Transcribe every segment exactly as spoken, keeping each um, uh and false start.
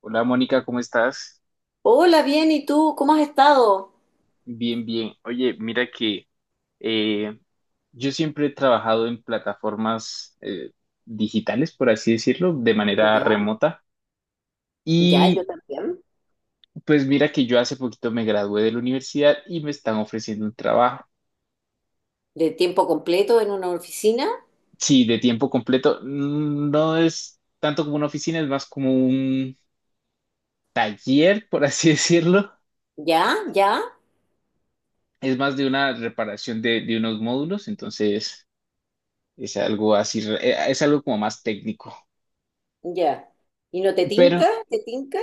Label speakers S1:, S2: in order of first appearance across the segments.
S1: Hola Mónica, ¿cómo estás?
S2: Hola, bien, ¿y tú? ¿Cómo has estado?
S1: Bien, bien. Oye, mira que eh, yo siempre he trabajado en plataformas eh, digitales, por así decirlo, de manera
S2: Ya,
S1: remota.
S2: ya, yo
S1: Y
S2: también.
S1: pues mira que yo hace poquito me gradué de la universidad y me están ofreciendo un trabajo.
S2: De tiempo completo en una oficina.
S1: Sí, de tiempo completo. Mm, No es tanto como una oficina, es más como un taller, por así decirlo.
S2: Ya, ya,
S1: Es más de una reparación de, de unos módulos, entonces es algo así, re- eh, es algo como más técnico.
S2: ya. ¿Y no te
S1: Pero,
S2: tinca? ¿Te tinca?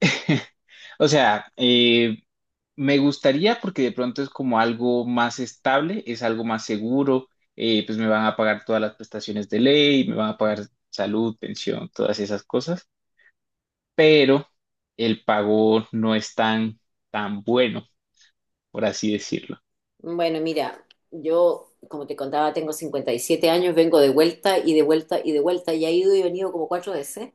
S1: o sea, eh, me gustaría porque de pronto es como algo más estable, es algo más seguro, eh, pues me van a pagar todas las prestaciones de ley, me van a pagar salud, pensión, todas esas cosas, pero el pago no es tan, tan bueno, por así decirlo.
S2: Bueno, mira, yo, como te contaba, tengo cincuenta y siete años, vengo de vuelta y de vuelta y de vuelta y he ido y venido como cuatro veces.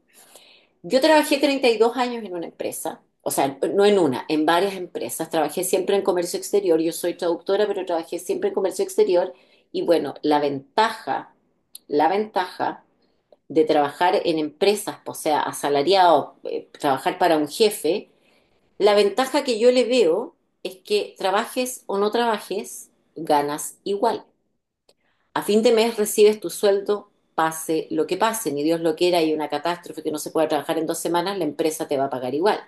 S2: Yo trabajé treinta y dos años en una empresa, o sea, no en una, en varias empresas. Trabajé siempre en comercio exterior, yo soy traductora, pero trabajé siempre en comercio exterior. Y bueno, la ventaja, la ventaja de trabajar en empresas, o sea, asalariado, eh, trabajar para un jefe, la ventaja que yo le veo es que trabajes o no trabajes, ganas igual. A fin de mes recibes tu sueldo, pase lo que pase, ni Dios lo quiera, y una catástrofe que no se pueda trabajar en dos semanas, la empresa te va a pagar igual.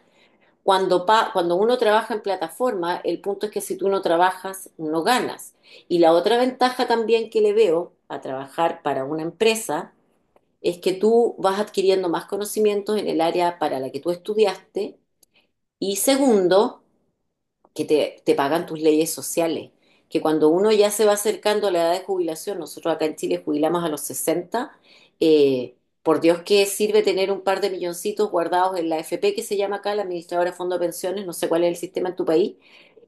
S2: Cuando, pa- cuando uno trabaja en plataforma, el punto es que si tú no trabajas, no ganas. Y la otra ventaja también que le veo a trabajar para una empresa es que tú vas adquiriendo más conocimientos en el área para la que tú estudiaste. Y segundo, que te, te pagan tus leyes sociales, que cuando uno ya se va acercando a la edad de jubilación, nosotros acá en Chile jubilamos a los sesenta, eh, por Dios que sirve tener un par de milloncitos guardados en la A F P, que se llama acá, la Administradora de Fondo de Pensiones. No sé cuál es el sistema en tu país,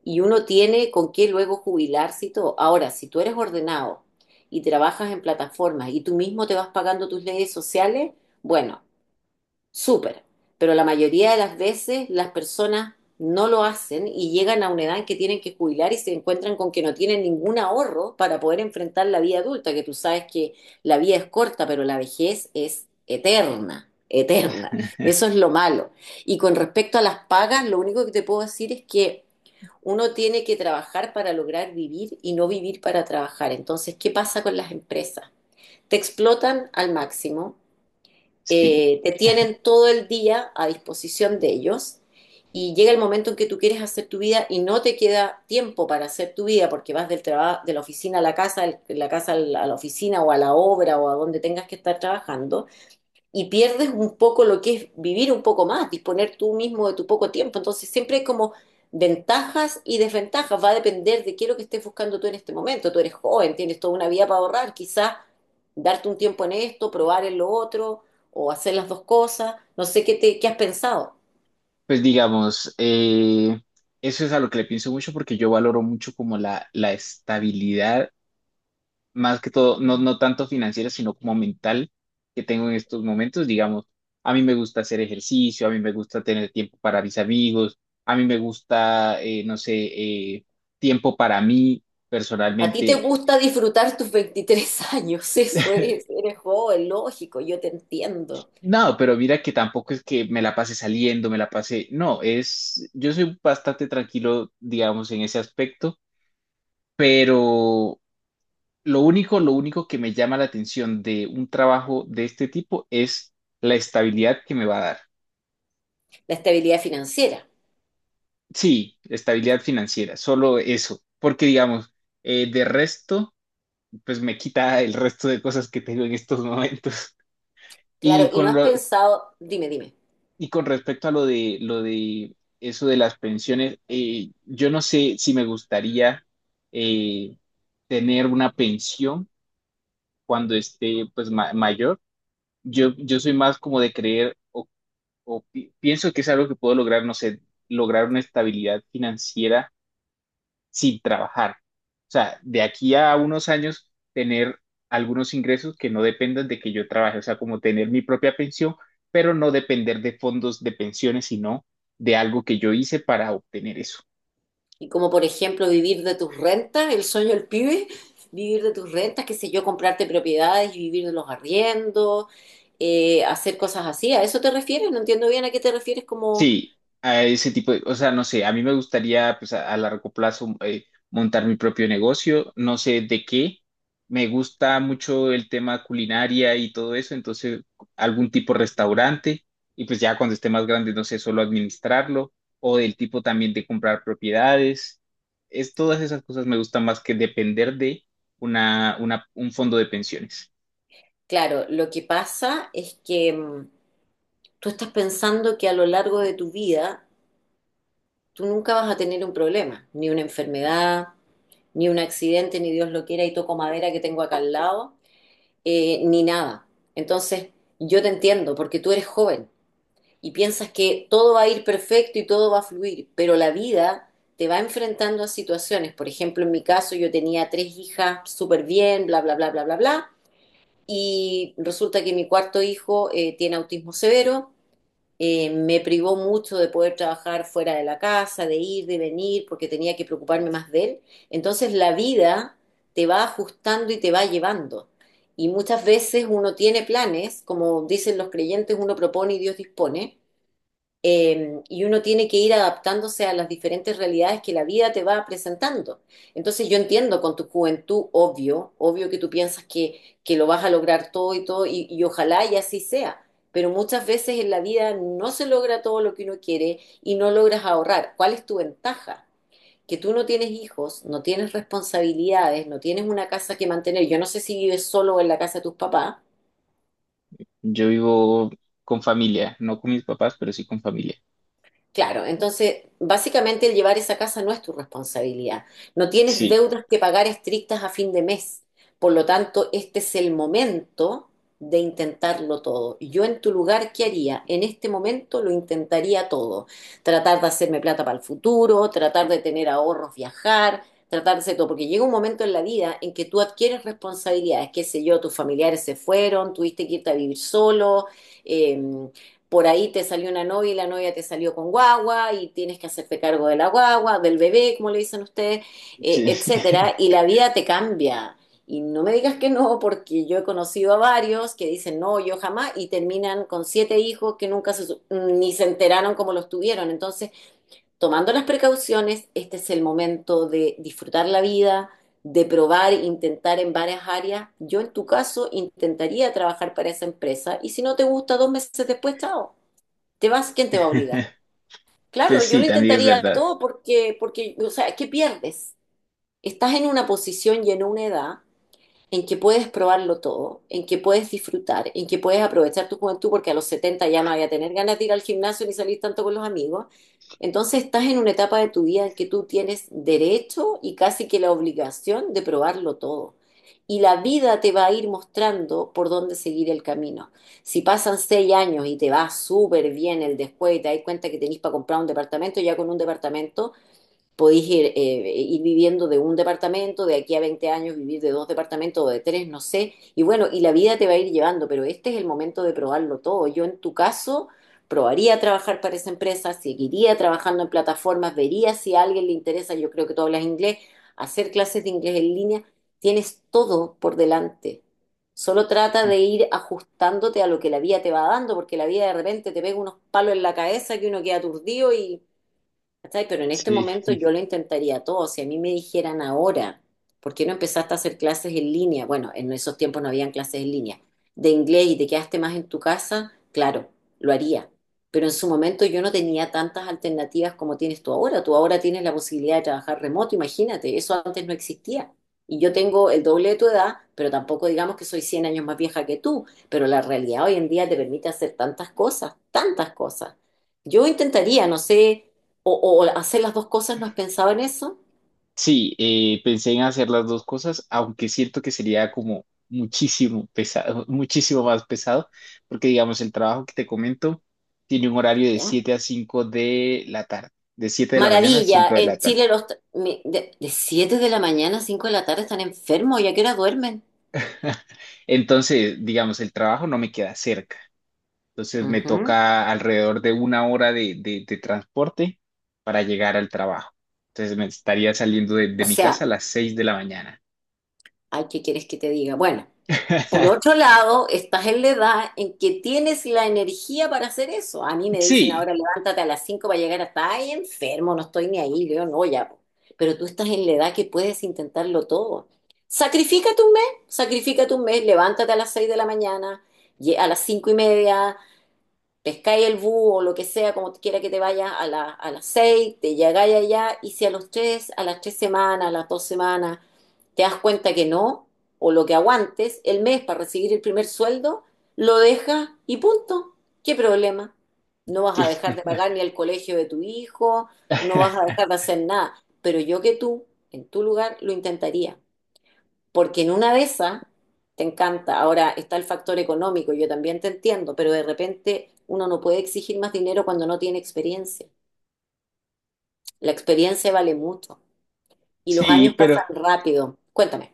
S2: y uno tiene con qué luego jubilarse y todo. Ahora, si tú eres ordenado y trabajas en plataformas y tú mismo te vas pagando tus leyes sociales, bueno, súper. Pero la mayoría de las veces las personas no lo hacen y llegan a una edad en que tienen que jubilar y se encuentran con que no tienen ningún ahorro para poder enfrentar la vida adulta, que tú sabes que la vida es corta, pero la vejez es eterna, eterna. Eso es lo malo. Y con respecto a las pagas, lo único que te puedo decir es que uno tiene que trabajar para lograr vivir y no vivir para trabajar. Entonces, ¿qué pasa con las empresas? Te explotan al máximo.
S1: Sí,
S2: Eh, te tienen todo el día a disposición de ellos y llega el momento en que tú quieres hacer tu vida y no te queda tiempo para hacer tu vida porque vas del trabajo de la oficina a la casa, de la casa a la oficina o a la obra o a donde tengas que estar trabajando y pierdes un poco lo que es vivir un poco más, disponer tú mismo de tu poco tiempo. Entonces siempre es como ventajas y desventajas, va a depender de qué es lo que estés buscando tú en este momento. Tú eres joven, tienes toda una vida para ahorrar, quizás darte un tiempo en esto, probar en lo otro o hacer las dos cosas. No sé qué te, qué has pensado.
S1: pues digamos, eh, eso es a lo que le pienso mucho porque yo valoro mucho como la, la estabilidad más que todo, no, no tanto financiera, sino como mental que tengo en estos momentos. Digamos, a mí me gusta hacer ejercicio, a mí me gusta tener tiempo para mis amigos, a mí me gusta, eh, no sé, eh, tiempo para mí
S2: A ti te
S1: personalmente.
S2: gusta disfrutar tus veintitrés años, eso es, eres joven, lógico, yo te entiendo.
S1: No, pero mira que tampoco es que me la pase saliendo, me la pase, no, es, yo soy bastante tranquilo, digamos, en ese aspecto, pero lo único, lo único que me llama la atención de un trabajo de este tipo es la estabilidad que me va a dar.
S2: La estabilidad financiera,
S1: Sí, estabilidad financiera, solo eso, porque digamos, eh, de resto, pues me quita el resto de cosas que tengo en estos momentos.
S2: claro,
S1: Y
S2: y no
S1: con
S2: has
S1: lo,
S2: pensado, dime, dime.
S1: y con respecto a lo de lo de eso de las pensiones, eh, yo no sé si me gustaría eh, tener una pensión cuando esté pues ma- mayor. Yo, yo soy más como de creer o, o pi- pienso que es algo que puedo lograr, no sé, lograr una estabilidad financiera sin trabajar. O sea, de aquí a unos años, tener algunos ingresos que no dependan de que yo trabaje, o sea, como tener mi propia pensión, pero no depender de fondos de pensiones, sino de algo que yo hice para obtener eso.
S2: Y como por ejemplo vivir de tus rentas, el sueño del pibe, vivir de tus rentas, qué sé yo, comprarte propiedades y vivir de los arriendos, eh, hacer cosas así. ¿A eso te refieres? No entiendo bien a qué te refieres, como...
S1: Sí, a ese tipo de, o sea, no sé, a mí me gustaría pues a, a largo plazo eh, montar mi propio negocio, no sé de qué. Me gusta mucho el tema culinaria y todo eso, entonces algún tipo de restaurante y pues ya cuando esté más grande, no sé, solo administrarlo o del tipo también de comprar propiedades. Es todas esas cosas me gustan más que depender de una, una, un fondo de pensiones.
S2: Claro, lo que pasa es que mm, tú estás pensando que a lo largo de tu vida tú nunca vas a tener un problema, ni una enfermedad, ni un accidente, ni Dios lo quiera y toco madera que tengo acá al lado, eh, ni nada. Entonces, yo te entiendo porque tú eres joven y piensas que todo va a ir perfecto y todo va a fluir, pero la vida te va enfrentando a situaciones. Por ejemplo, en mi caso yo tenía tres hijas súper bien, bla, bla, bla, bla, bla, bla, y resulta que mi cuarto hijo eh, tiene autismo severo. Eh, me privó mucho de poder trabajar fuera de la casa, de ir, de venir, porque tenía que preocuparme más de él. Entonces la vida te va ajustando y te va llevando. Y muchas veces uno tiene planes, como dicen los creyentes, uno propone y Dios dispone, eh, y uno tiene que ir adaptándose a las diferentes realidades que la vida te va presentando. Entonces yo entiendo, con tu juventud, obvio, obvio que tú piensas que, que lo vas a lograr todo y todo, y, y ojalá y así sea, pero muchas veces en la vida no se logra todo lo que uno quiere y no logras ahorrar. ¿Cuál es tu ventaja? Que tú no tienes hijos, no tienes responsabilidades, no tienes una casa que mantener. Yo no sé si vives solo en la casa de tus papás.
S1: Yo vivo con familia, no con mis papás, pero sí con familia.
S2: Claro, entonces básicamente el llevar esa casa no es tu responsabilidad. No tienes
S1: Sí,
S2: deudas que pagar estrictas a fin de mes. Por lo tanto, este es el momento de intentarlo todo. Yo en tu lugar, ¿qué haría? En este momento lo intentaría todo. Tratar de hacerme plata para el futuro, tratar de tener ahorros, viajar, tratar de hacer todo. Porque llega un momento en la vida en que tú adquieres responsabilidades. Qué sé yo, tus familiares se fueron, tuviste que irte a vivir solo, em, por ahí te salió una novia y la novia te salió con guagua y tienes que hacerte cargo de la guagua, del bebé, como le dicen ustedes, eh,
S1: sí.
S2: etcétera, y la vida te cambia. Y no me digas que no, porque yo he conocido a varios que dicen no, yo jamás, y terminan con siete hijos que nunca se, ni se enteraron cómo los tuvieron. Entonces, tomando las precauciones, este es el momento de disfrutar la vida, de probar, intentar en varias áreas. Yo en tu caso intentaría trabajar para esa empresa y si no te gusta dos meses después, chao, te vas. ¿Quién te va a obligar? Claro,
S1: Pues
S2: yo
S1: sí,
S2: lo
S1: también es
S2: intentaría
S1: verdad.
S2: todo porque, porque, o sea, ¿qué pierdes? Estás en una posición y en una edad en que puedes probarlo todo, en que puedes disfrutar, en que puedes aprovechar tu juventud, porque a los setenta ya no vaya a tener ganas de ir al gimnasio ni salir tanto con los amigos. Entonces estás en una etapa de tu vida en que tú tienes derecho y casi que la obligación de probarlo todo. Y la vida te va a ir mostrando por dónde seguir el camino. Si pasan seis años y te va súper bien el después y te das cuenta que tenés para comprar un departamento, ya con un departamento podéis ir, eh, ir viviendo de un departamento, de aquí a veinte años vivir de dos departamentos o de tres, no sé. Y bueno, y la vida te va a ir llevando, pero este es el momento de probarlo todo. Yo en tu caso probaría trabajar para esa empresa, seguiría trabajando en plataformas, vería si a alguien le interesa, yo creo que tú hablas inglés, hacer clases de inglés en línea, tienes todo por delante. Solo trata de ir ajustándote a lo que la vida te va dando, porque la vida de repente te pega unos palos en la cabeza que uno queda aturdido, y ¿cachai? Pero en este
S1: Sí,
S2: momento yo lo intentaría todo. Si a mí me dijeran ahora, ¿por qué no empezaste a hacer clases en línea? Bueno, en esos tiempos no habían clases en línea. De inglés y te quedaste más en tu casa, claro, lo haría. Pero en su momento yo no tenía tantas alternativas como tienes tú ahora. Tú ahora tienes la posibilidad de trabajar remoto, imagínate, eso antes no existía. Y yo tengo el doble de tu edad, pero tampoco digamos que soy cien años más vieja que tú. Pero la realidad hoy en día te permite hacer tantas cosas, tantas cosas. Yo intentaría, no sé, o, o hacer las dos cosas. ¿No has pensado en eso?
S1: sí, eh, pensé en hacer las dos cosas, aunque siento que sería como muchísimo pesado, muchísimo más pesado, porque digamos, el trabajo que te comento tiene un horario de
S2: ¿Ya?
S1: siete a cinco de la tarde, de siete de la mañana a
S2: Maravilla,
S1: cinco de la
S2: en
S1: tarde.
S2: Chile los... tra- mi- De, de siete de la mañana a cinco de la tarde están enfermos, ¿y a qué hora duermen?
S1: Entonces, digamos, el trabajo no me queda cerca. Entonces me
S2: Ujú.
S1: toca alrededor de una hora de, de- de transporte para llegar al trabajo. Entonces me estaría saliendo de,
S2: O
S1: de mi casa a
S2: sea,
S1: las seis de la mañana.
S2: ay, ¿qué quieres que te diga? Bueno, por otro lado, estás en la edad en que tienes la energía para hacer eso. A mí me dicen
S1: Sí,
S2: ahora, levántate a las cinco para llegar hasta ahí, enfermo, no estoy ni ahí, yo no, ya. po". Pero tú estás en la edad que puedes intentarlo todo. Sacrifícate un mes, sacrifícate un mes, levántate a las seis de la mañana, lle- a las cinco y media, pescáis el búho o lo que sea, como quiera que te vayas a la, a las seis, te llegáis allá y si a los tres, a las tres semanas, a las dos semanas, te das cuenta que no, o lo que aguantes el mes para recibir el primer sueldo, lo dejas y punto. ¿Qué problema? No vas a dejar de pagar ni el colegio de tu hijo, no vas a dejar de hacer nada. Pero yo que tú, en tu lugar, lo intentaría. Porque en una de esas te encanta. Ahora está el factor económico, yo también te entiendo, pero de repente uno no puede exigir más dinero cuando no tiene experiencia. La experiencia vale mucho y los
S1: sí,
S2: años
S1: pero,
S2: pasan rápido. Cuéntame.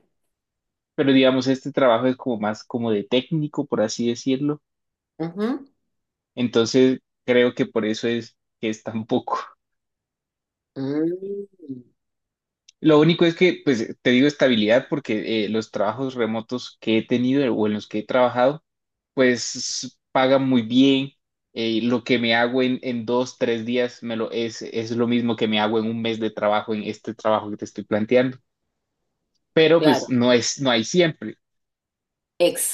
S1: pero digamos, este trabajo es como más como de técnico, por así decirlo.
S2: Ujú.
S1: Entonces, creo que por eso es que es tan poco.
S2: Mm,
S1: Lo único es que, pues, te digo estabilidad porque eh, los trabajos remotos que he tenido o en los que he trabajado, pues, pagan muy bien. Eh, lo que me hago en, en dos, tres días me lo, es, es lo mismo que me hago en un mes de trabajo en este trabajo que te estoy planteando. Pero, pues,
S2: claro,
S1: no es, no hay siempre.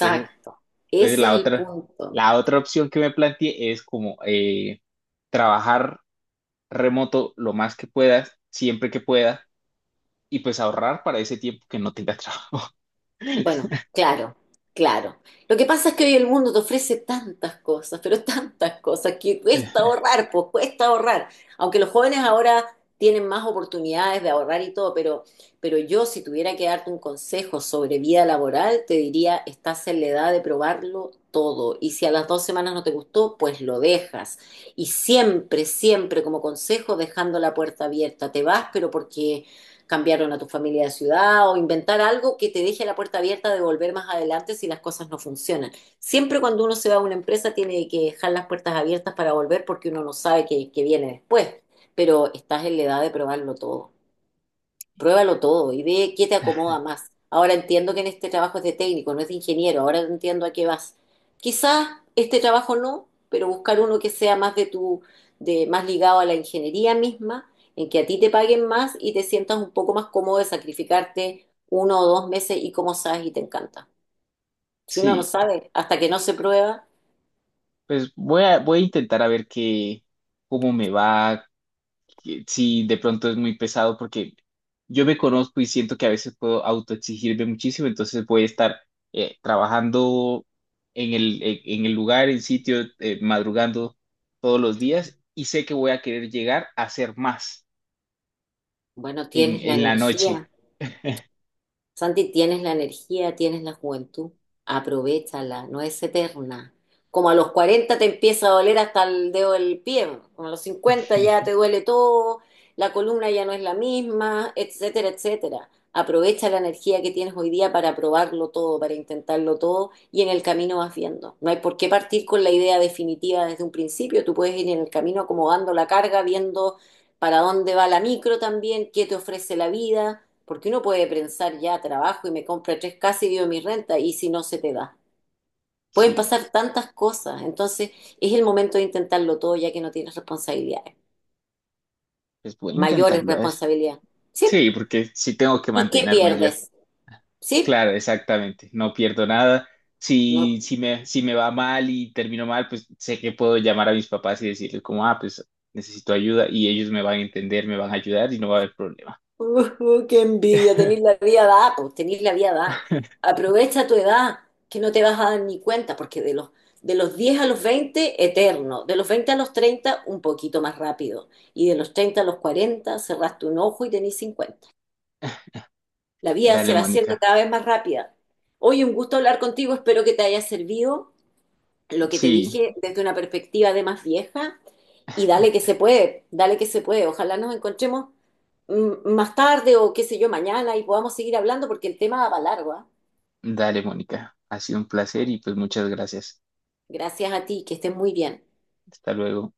S1: Entonces, Entonces
S2: Ese es
S1: la
S2: el
S1: otra,
S2: punto.
S1: la otra opción que me planteé es como eh, trabajar remoto lo más que puedas, siempre que puedas, y pues ahorrar para ese tiempo que no tenga trabajo.
S2: Bueno, claro, claro. Lo que pasa es que hoy el mundo te ofrece tantas cosas, pero tantas cosas, que cuesta ahorrar, pues cuesta ahorrar. Aunque los jóvenes ahora tienen más oportunidades de ahorrar y todo, pero, pero yo si tuviera que darte un consejo sobre vida laboral, te diría, estás en la edad de probarlo todo. Y si a las dos semanas no te gustó, pues lo dejas. Y siempre, siempre como consejo, dejando la puerta abierta. Te vas, pero porque cambiaron a tu familia de ciudad o inventar algo que te deje la puerta abierta de volver más adelante si las cosas no funcionan. Siempre cuando uno se va a una empresa tiene que dejar las puertas abiertas para volver porque uno no sabe qué, qué viene después, pero estás en la edad de probarlo todo. Pruébalo todo y ve qué te acomoda más. Ahora entiendo que en este trabajo es de técnico, no es de ingeniero, ahora entiendo a qué vas. Quizás este trabajo no, pero buscar uno que sea más de tu, de, más ligado a la ingeniería misma, en que a ti te paguen más y te sientas un poco más cómodo de sacrificarte uno o dos meses y como sabes y te encanta. Si uno no
S1: Sí,
S2: sabe, hasta que no se prueba,
S1: pues voy a, voy a intentar a ver qué, cómo me va, si de pronto es muy pesado porque yo me conozco y siento que a veces puedo autoexigirme muchísimo, entonces voy a estar eh, trabajando en el, en en el lugar, en sitio, eh, madrugando todos los días y sé que voy a querer llegar a hacer más
S2: bueno,
S1: en,
S2: tienes la
S1: en la noche.
S2: energía. Santi, tienes la energía, tienes la juventud, aprovéchala, no es eterna. Como a los cuarenta te empieza a doler hasta el dedo del pie, como a los cincuenta ya te duele todo, la columna ya no es la misma, etcétera, etcétera. Aprovecha la energía que tienes hoy día para probarlo todo, para intentarlo todo y en el camino vas viendo. No hay por qué partir con la idea definitiva desde un principio, tú puedes ir en el camino acomodando la carga, viendo para dónde va la micro también, qué te ofrece la vida porque uno puede pensar, ya trabajo y me compra tres casas y vivo mi renta, y si no se te da. Pueden
S1: Sí,
S2: pasar tantas cosas, entonces es el momento de intentarlo todo ya que no tienes responsabilidades,
S1: pues voy a
S2: mayores
S1: intentarlo, a ver.
S2: responsabilidades. ¿Sí?
S1: Sí, porque sí tengo que
S2: ¿Y qué
S1: mantenerme yo.
S2: pierdes? ¿Sí?
S1: Claro, exactamente, no pierdo nada. Si,
S2: No.
S1: si me, si me va mal y termino mal, pues sé que puedo llamar a mis papás y decirles como, ah, pues necesito ayuda y ellos me van a entender, me van a ayudar y no va a haber problema.
S2: Uh, qué envidia, tenés la vida dada, pues tenés la vida dada. Aprovecha tu edad, que no te vas a dar ni cuenta, porque de los, de los diez a los veinte eterno. De los veinte a los treinta un poquito más rápido. Y de los treinta a los cuarenta cerraste un ojo y tenés cincuenta. La vida se
S1: Dale,
S2: va haciendo
S1: Mónica.
S2: cada vez más rápida. Hoy un gusto hablar contigo, espero que te haya servido lo que te
S1: Sí,
S2: dije desde una perspectiva de más vieja y dale que se puede, dale que se puede. Ojalá nos encontremos mm, más tarde o qué sé yo, mañana y podamos seguir hablando porque el tema va para largo, ¿ah?
S1: dale, Mónica. Ha sido un placer y pues muchas gracias.
S2: Gracias a ti, que estés muy bien.
S1: Hasta luego.